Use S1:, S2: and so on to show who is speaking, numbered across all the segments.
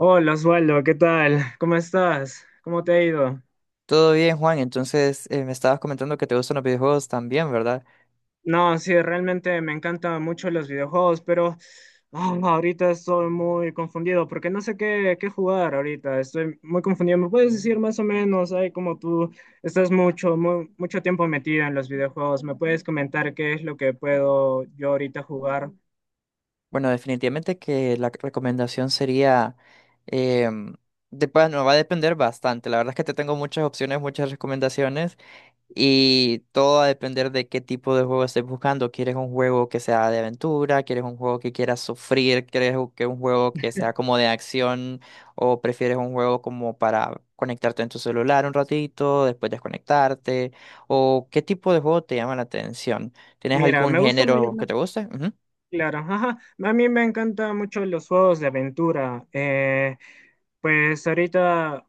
S1: Hola Osvaldo, ¿qué tal? ¿Cómo estás? ¿Cómo te ha ido?
S2: Todo bien, Juan. Entonces, me estabas comentando que te gustan los videojuegos también, ¿verdad?
S1: No, sí, realmente me encantan mucho los videojuegos, pero ahorita estoy muy confundido porque no sé qué jugar ahorita. Estoy muy confundido. ¿Me puedes decir más o menos, ay, como tú estás mucho tiempo metido en los videojuegos? ¿Me puedes comentar qué es lo que puedo yo ahorita jugar?
S2: Bueno, definitivamente que la recomendación sería, em, de, bueno, va a depender bastante. La verdad es que te tengo muchas opciones, muchas recomendaciones. Y todo va a depender de qué tipo de juego estés buscando. ¿Quieres un juego que sea de aventura? ¿Quieres un juego que quieras sufrir? ¿Quieres que un juego que sea como de acción? ¿O prefieres un juego como para conectarte en tu celular un ratito, después desconectarte? ¿O qué tipo de juego te llama la atención? ¿Tienes
S1: Mira,
S2: algún
S1: me gusta mayor.
S2: género que te guste? Ujú.
S1: Claro, ajá. A mí me encantan mucho los juegos de aventura. Pues ahorita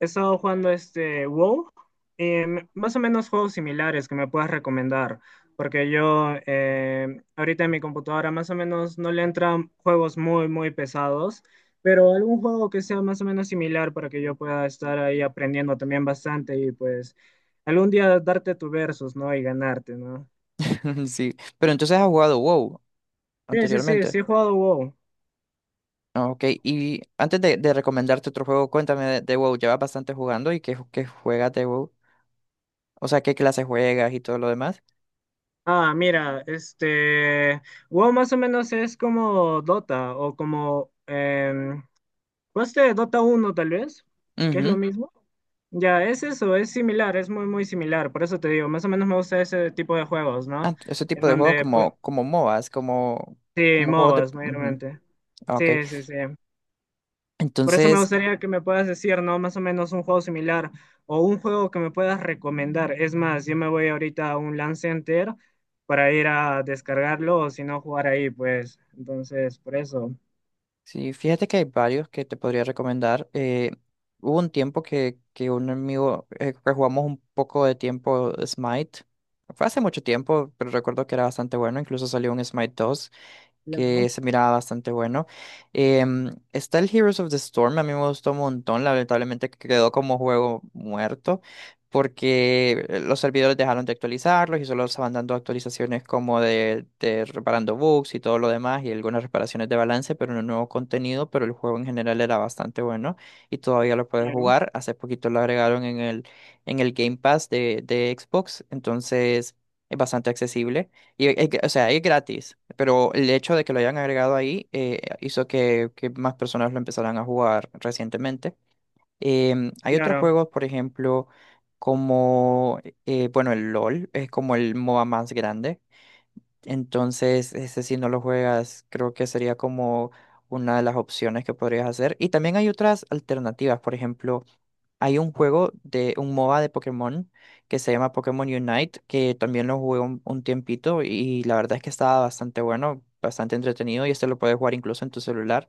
S1: he estado jugando este WoW. Más o menos juegos similares que me puedas recomendar, porque yo ahorita en mi computadora más o menos no le entran juegos muy, muy pesados, pero algún juego que sea más o menos similar para que yo pueda estar ahí aprendiendo también bastante, y pues algún día darte tu versus, ¿no? Y ganarte, ¿no?
S2: Sí. Pero entonces has jugado WoW
S1: Sí, sí, sí,
S2: anteriormente.
S1: sí he jugado WoW.
S2: Ah, ok, y antes de recomendarte otro juego, cuéntame de WoW. ¿Llevas bastante jugando y qué qué juegas de WoW? O sea, qué clase juegas y todo lo demás.
S1: Ah, mira, WoW más o menos es como Dota o como, ¿de Dota uno tal vez? ¿Que es lo
S2: Ujú.
S1: mismo? Ya, es eso, es similar, es muy, muy similar, por eso te digo, más o menos me gusta ese tipo de juegos,
S2: Ah,
S1: ¿no?
S2: ese
S1: En
S2: tipo de juegos
S1: donde, pues,
S2: como MOBAs,
S1: sí,
S2: como juegos de...
S1: MOBAs
S2: ujú.
S1: mayormente.
S2: Ah, ok.
S1: Sí, sí, sí. Por eso me
S2: Entonces,
S1: gustaría que me puedas decir, ¿no? Más o menos un juego similar o un juego que me puedas recomendar. Es más, yo me voy ahorita a un Lance Center para ir a descargarlo o si no jugar ahí, pues. Entonces, por eso.
S2: sí, fíjate que hay varios que te podría recomendar. Hubo un tiempo que un amigo, que jugamos un poco de tiempo Smite. Fue hace mucho tiempo, pero recuerdo que era bastante bueno. Incluso salió un Smite dos, que
S1: Claro.
S2: se miraba bastante bueno. Está el Heroes of the Storm, a mí me gustó un montón, lamentablemente quedó como juego muerto, porque los servidores dejaron de actualizarlos y solo estaban dando actualizaciones como de reparando bugs y todo lo demás y algunas reparaciones de balance, pero no nuevo contenido, pero el juego en general era bastante bueno y todavía lo puedes
S1: Claro,
S2: jugar. Hace poquito lo agregaron en en el Game Pass de Xbox, entonces es bastante accesible. Y, es que o sea, es gratis, pero el hecho de que lo hayan agregado ahí hizo que más personas lo empezaran a jugar recientemente. Hay otros
S1: claro.
S2: juegos, por ejemplo, como, bueno, el LOL es como el MOBA más grande. Entonces, ese si no lo juegas, creo que sería como una de las opciones que podrías hacer. Y también hay otras alternativas, por ejemplo. Hay un juego de un MOBA de Pokémon que se llama Pokémon Unite, que también lo jugué un tiempito y la verdad es que estaba bastante bueno, bastante entretenido y este lo puedes jugar incluso en tu celular.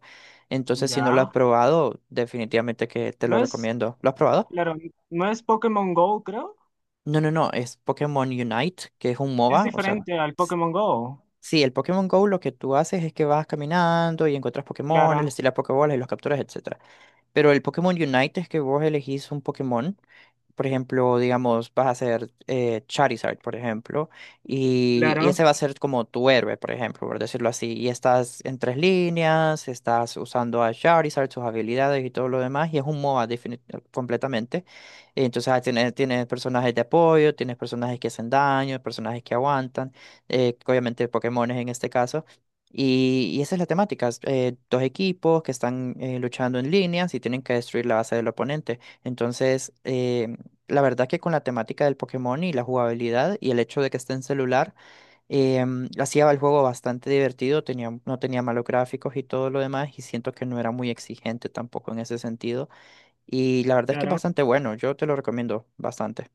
S2: Entonces, si no lo has
S1: Ya.
S2: probado, definitivamente que te lo
S1: No es,
S2: recomiendo. ¿Lo has probado?
S1: claro, no es Pokémon Go, creo.
S2: No, no, no, es Pokémon Unite, que es un
S1: Es
S2: MOBA, o sea,
S1: diferente al
S2: s-
S1: Pokémon Go.
S2: sí, el Pokémon Go lo que tú haces es que vas caminando y encuentras Pokémon,
S1: Claro,
S2: les tiras Pokébolas y los capturas, etcétera. Pero el Pokémon Unite es que vos elegís un Pokémon. Por ejemplo, digamos, vas a hacer Charizard, por ejemplo, y
S1: claro,
S2: ese va a ser como tu héroe, por ejemplo, por decirlo así. Y estás en tres líneas, estás usando a Charizard, sus habilidades y todo lo demás, y es un MOBA completamente. Y entonces ah, tienes personajes de apoyo, tienes personajes que hacen daño, personajes que aguantan, obviamente Pokémones en este caso. Y esa es la temática. Es, dos equipos que están luchando en líneas y tienen que destruir la base del oponente. Entonces, la verdad que con la temática del Pokémon y la jugabilidad y el hecho de que esté en celular, eh, hacía el juego bastante divertido, tenía, no tenía malos gráficos y todo lo demás, y siento que no era muy exigente tampoco en ese sentido. Y la verdad es que es
S1: claro.
S2: bastante bueno, yo te lo recomiendo bastante.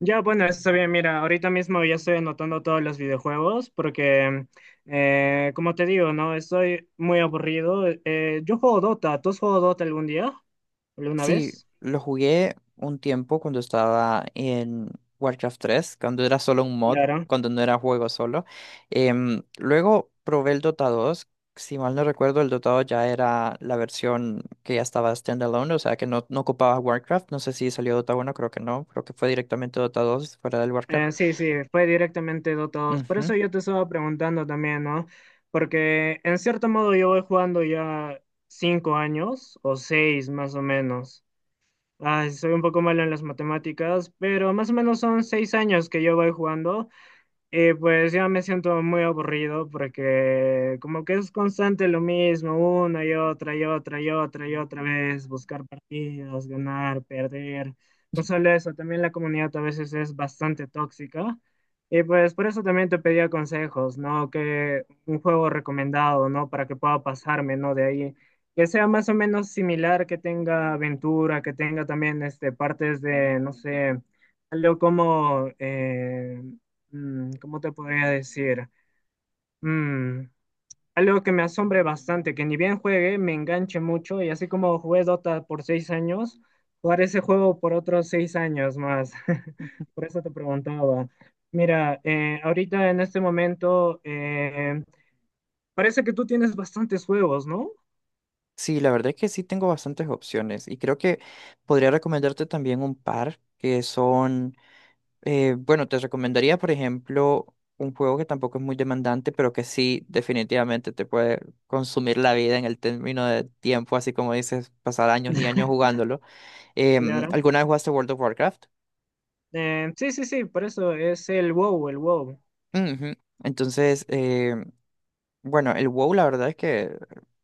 S1: Ya, bueno, está bien. Mira, ahorita mismo ya estoy anotando todos los videojuegos porque, como te digo, ¿no? Estoy muy aburrido. Yo juego Dota. ¿Tú has jugado Dota algún día? ¿Alguna
S2: Sí,
S1: vez?
S2: lo jugué un tiempo cuando estaba en Warcraft tres, cuando era solo un mod,
S1: Claro.
S2: cuando no era juego solo. Luego probé el Dota dos. Si mal no recuerdo, el Dota dos ya era la versión que ya estaba standalone, o sea que no, no ocupaba Warcraft. No sé si salió Dota uno, creo que no. Creo que fue directamente Dota dos fuera del Warcraft.
S1: Sí, sí, fue directamente Dota dos. Por
S2: Ujú.
S1: eso yo te estaba preguntando también, ¿no? Porque en cierto modo yo voy jugando ya cinco años o seis más o menos. Ay, soy un poco malo en las matemáticas, pero más o menos son seis años que yo voy jugando. Y pues ya me siento muy aburrido porque como que es constante lo mismo, una y otra y otra y otra y otra vez, buscar partidos, ganar, perder. No solo eso, también la comunidad a veces es bastante tóxica. Y pues por eso también te pedía consejos, ¿no? Que un juego recomendado, ¿no? Para que pueda pasarme, ¿no? De ahí. Que sea más o menos similar, que tenga aventura, que tenga también este, partes de, no sé, algo como... ¿cómo te podría decir? Mm, algo que me asombre bastante, que ni bien juegue, me enganche mucho y así como jugué Dota por seis años, jugar ese juego por otros seis años más. Por eso te preguntaba. Mira, ahorita en este momento, parece que tú tienes bastantes juegos, ¿no?
S2: Sí, la verdad es que sí tengo bastantes opciones y creo que podría recomendarte también un par que son... bueno, te recomendaría, por ejemplo, un juego que tampoco es muy demandante, pero que sí definitivamente te puede consumir la vida en el término de tiempo, así como dices, pasar años y años jugándolo.
S1: Claro.
S2: ¿Alguna vez jugaste World of Warcraft?
S1: Sí, sí, sí, por eso es el WoW, el WoW.
S2: Ujú. Entonces, bueno, el WoW la verdad es que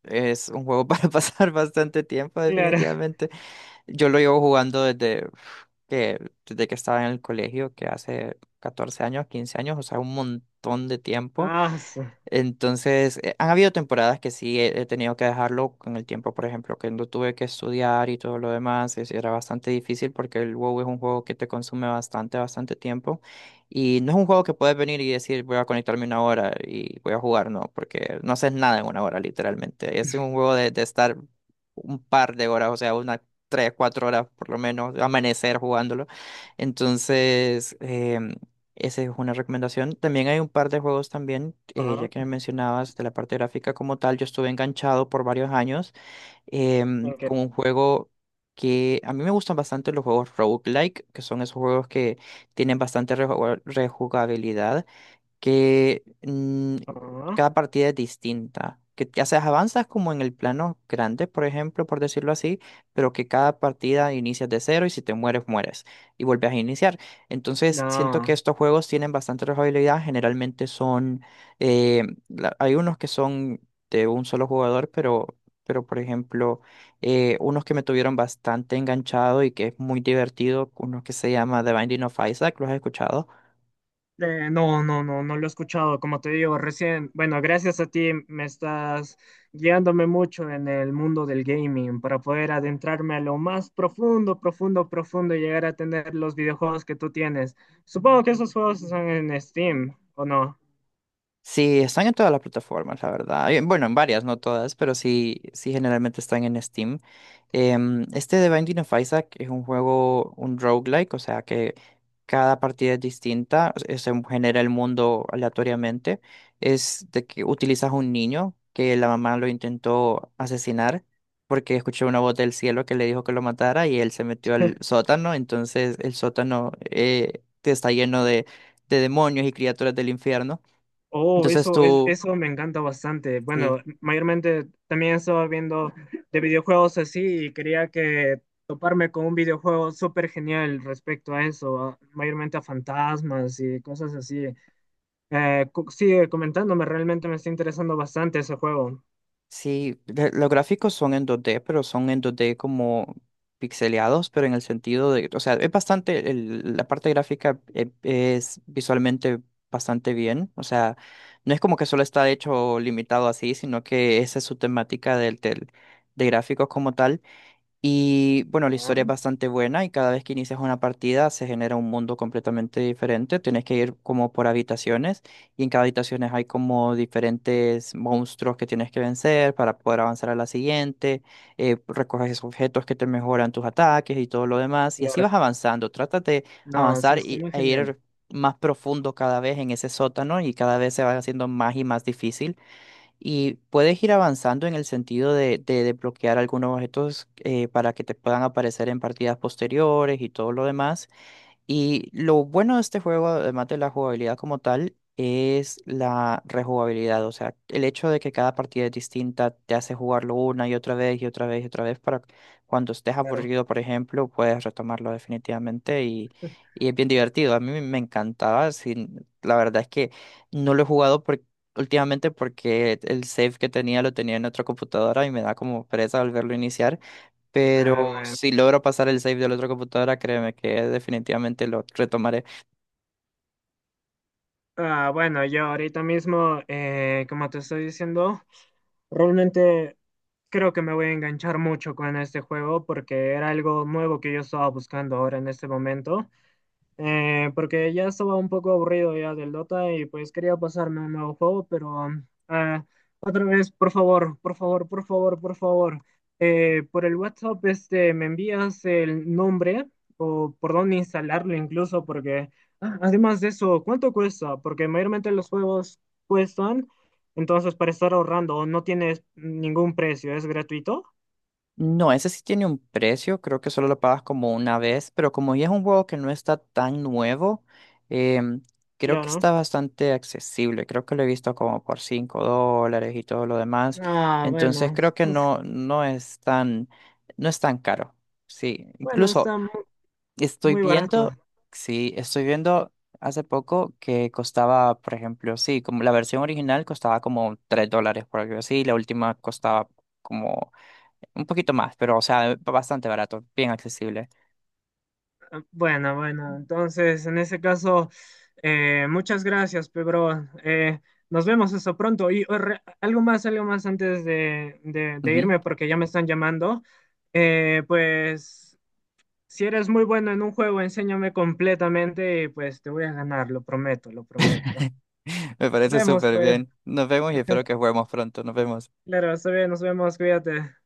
S2: es un juego para pasar bastante tiempo,
S1: Claro.
S2: definitivamente. Yo lo llevo jugando desde uf, que, desde que estaba en el colegio, que hace 14 años, 15 años, o sea, un montón de tiempo.
S1: Ah, su-
S2: Entonces, han habido temporadas que sí he tenido que dejarlo con el tiempo, por ejemplo, que no tuve que estudiar y todo lo demás, era bastante difícil porque el WoW es un juego que te consume bastante, bastante tiempo y no es un juego que puedes venir y decir voy a conectarme una hora y voy a jugar, no, porque no haces nada en una hora literalmente, es un juego de estar un par de horas, o sea, unas tres, cuatro horas por lo menos, amanecer jugándolo. Entonces, esa es una recomendación. También hay un par de juegos también, ya
S1: ah,
S2: que me mencionabas de la parte gráfica como tal, yo estuve enganchado por varios años
S1: ok.
S2: con un juego que a mí me gustan bastante los juegos roguelike, que son esos juegos que tienen bastante rejugabilidad que
S1: Ah,
S2: cada partida es distinta. Que ya sea, avanzas como en el plano grande, por ejemplo, por decirlo así, pero que cada partida inicias de cero y si te mueres, mueres y vuelves a iniciar. Entonces, siento que
S1: no.
S2: estos juegos tienen bastante rejugabilidad. Generalmente son, hay unos que son de un solo jugador, pero por ejemplo, unos que me tuvieron bastante enganchado y que es muy divertido, uno que se llama The Binding of Isaac, ¿los has escuchado?
S1: No, no, no, no lo he escuchado. Como te digo, recién, bueno, gracias a ti me estás guiándome mucho en el mundo del gaming para poder adentrarme a lo más profundo, profundo, profundo y llegar a tener los videojuegos que tú tienes. Supongo que esos juegos están en Steam, ¿o no?
S2: Sí, están en todas las plataformas, la verdad. Bueno, en varias, no todas, pero sí, sí generalmente están en Steam. Este de Binding of Isaac es un juego, un roguelike, o sea que cada partida es distinta, se genera el mundo aleatoriamente. Es de que utilizas un niño que la mamá lo intentó asesinar porque escuchó una voz del cielo que le dijo que lo matara y él se metió al sótano, entonces el sótano está lleno de demonios y criaturas del infierno.
S1: Oh,
S2: Entonces
S1: eso, es,
S2: tú,
S1: eso me encanta bastante. Bueno,
S2: sí,
S1: mayormente también estaba viendo de videojuegos así y quería que toparme con un videojuego súper genial respecto a eso, a- mayormente a fantasmas y cosas así. Sigue comentándome, realmente me está interesando bastante ese juego.
S2: sí, los gráficos son en dos d pero son en dos d como pixeleados, pero en el sentido de, o sea, es bastante, la parte gráfica es visualmente bastante bien, o sea, no es como que solo está hecho limitado así, sino que esa es su temática del de gráficos como tal. Y bueno, la historia
S1: Ah,
S2: es bastante buena y cada vez que inicias una partida se genera un mundo completamente diferente. Tienes que ir como por habitaciones y en cada habitación hay como diferentes monstruos que tienes que vencer para poder avanzar a la siguiente. Recoges objetos que te mejoran tus ataques y todo lo demás. Y así vas
S1: claro.
S2: avanzando. Trata de
S1: No, sí,
S2: avanzar
S1: está
S2: y,
S1: muy
S2: e
S1: genial.
S2: ir más profundo cada vez en ese sótano y cada vez se va haciendo más y más difícil y puedes ir avanzando en el sentido de desbloquear algunos objetos para que te puedan aparecer en partidas posteriores y todo lo demás. Y lo bueno de este juego, además de la jugabilidad como tal, es la rejugabilidad. O sea, el hecho de que cada partida es distinta te hace jugarlo una y otra vez y otra vez y otra vez para cuando estés
S1: Claro.
S2: aburrido, por ejemplo, puedes retomarlo definitivamente y es bien divertido. A mí me encantaba. La verdad es que no lo he jugado últimamente porque el save que tenía lo tenía en otra computadora y me da como pereza volverlo a iniciar.
S1: Ah,
S2: Pero
S1: bueno.
S2: si logro pasar el save de la otra computadora, créeme que definitivamente lo retomaré.
S1: Ah, bueno, yo ahorita mismo, como te estoy diciendo, realmente creo que me voy a enganchar mucho con este juego porque era algo nuevo que yo estaba buscando ahora en este momento. Porque ya estaba un poco aburrido ya del Dota y pues quería pasarme un nuevo juego, pero ah, otra vez, por favor, por favor, por favor, por favor, por el WhatsApp este, me envías el nombre o por dónde instalarlo incluso, porque ah, además de eso, ¿cuánto cuesta? Porque mayormente los juegos cuestan, entonces para estar ahorrando no tienes ningún precio, es gratuito,
S2: No, ese sí tiene un precio, creo que solo lo pagas como una vez, pero como ya es un juego que no está tan nuevo, em, creo que
S1: claro.
S2: está bastante accesible. Creo que lo he visto como por $5 y todo lo demás.
S1: Ah,
S2: Entonces
S1: bueno,
S2: creo que
S1: uf,
S2: no, no es tan, no es tan caro. Sí,
S1: bueno,
S2: incluso. Estoy
S1: muy barato.
S2: viendo, sí, estoy viendo hace poco que costaba, por ejemplo, sí, como la versión original costaba como $3 por algo así, la última costaba como un poquito más, pero o sea, bastante barato, bien accesible.
S1: Bueno, bueno, entonces en ese caso, muchas gracias, Pedro. Nos vemos eso pronto. Y oh, algo más antes de, de
S2: Ujú.
S1: irme, porque ya me están llamando. Pues, si eres muy bueno en un juego, enséñame completamente y pues te voy a ganar, lo prometo, lo prometo.
S2: Me
S1: Nos
S2: parece
S1: vemos,
S2: súper
S1: pues.
S2: bien. Nos vemos y espero que juguemos pronto. Nos vemos.
S1: Claro, está bien, nos vemos, cuídate.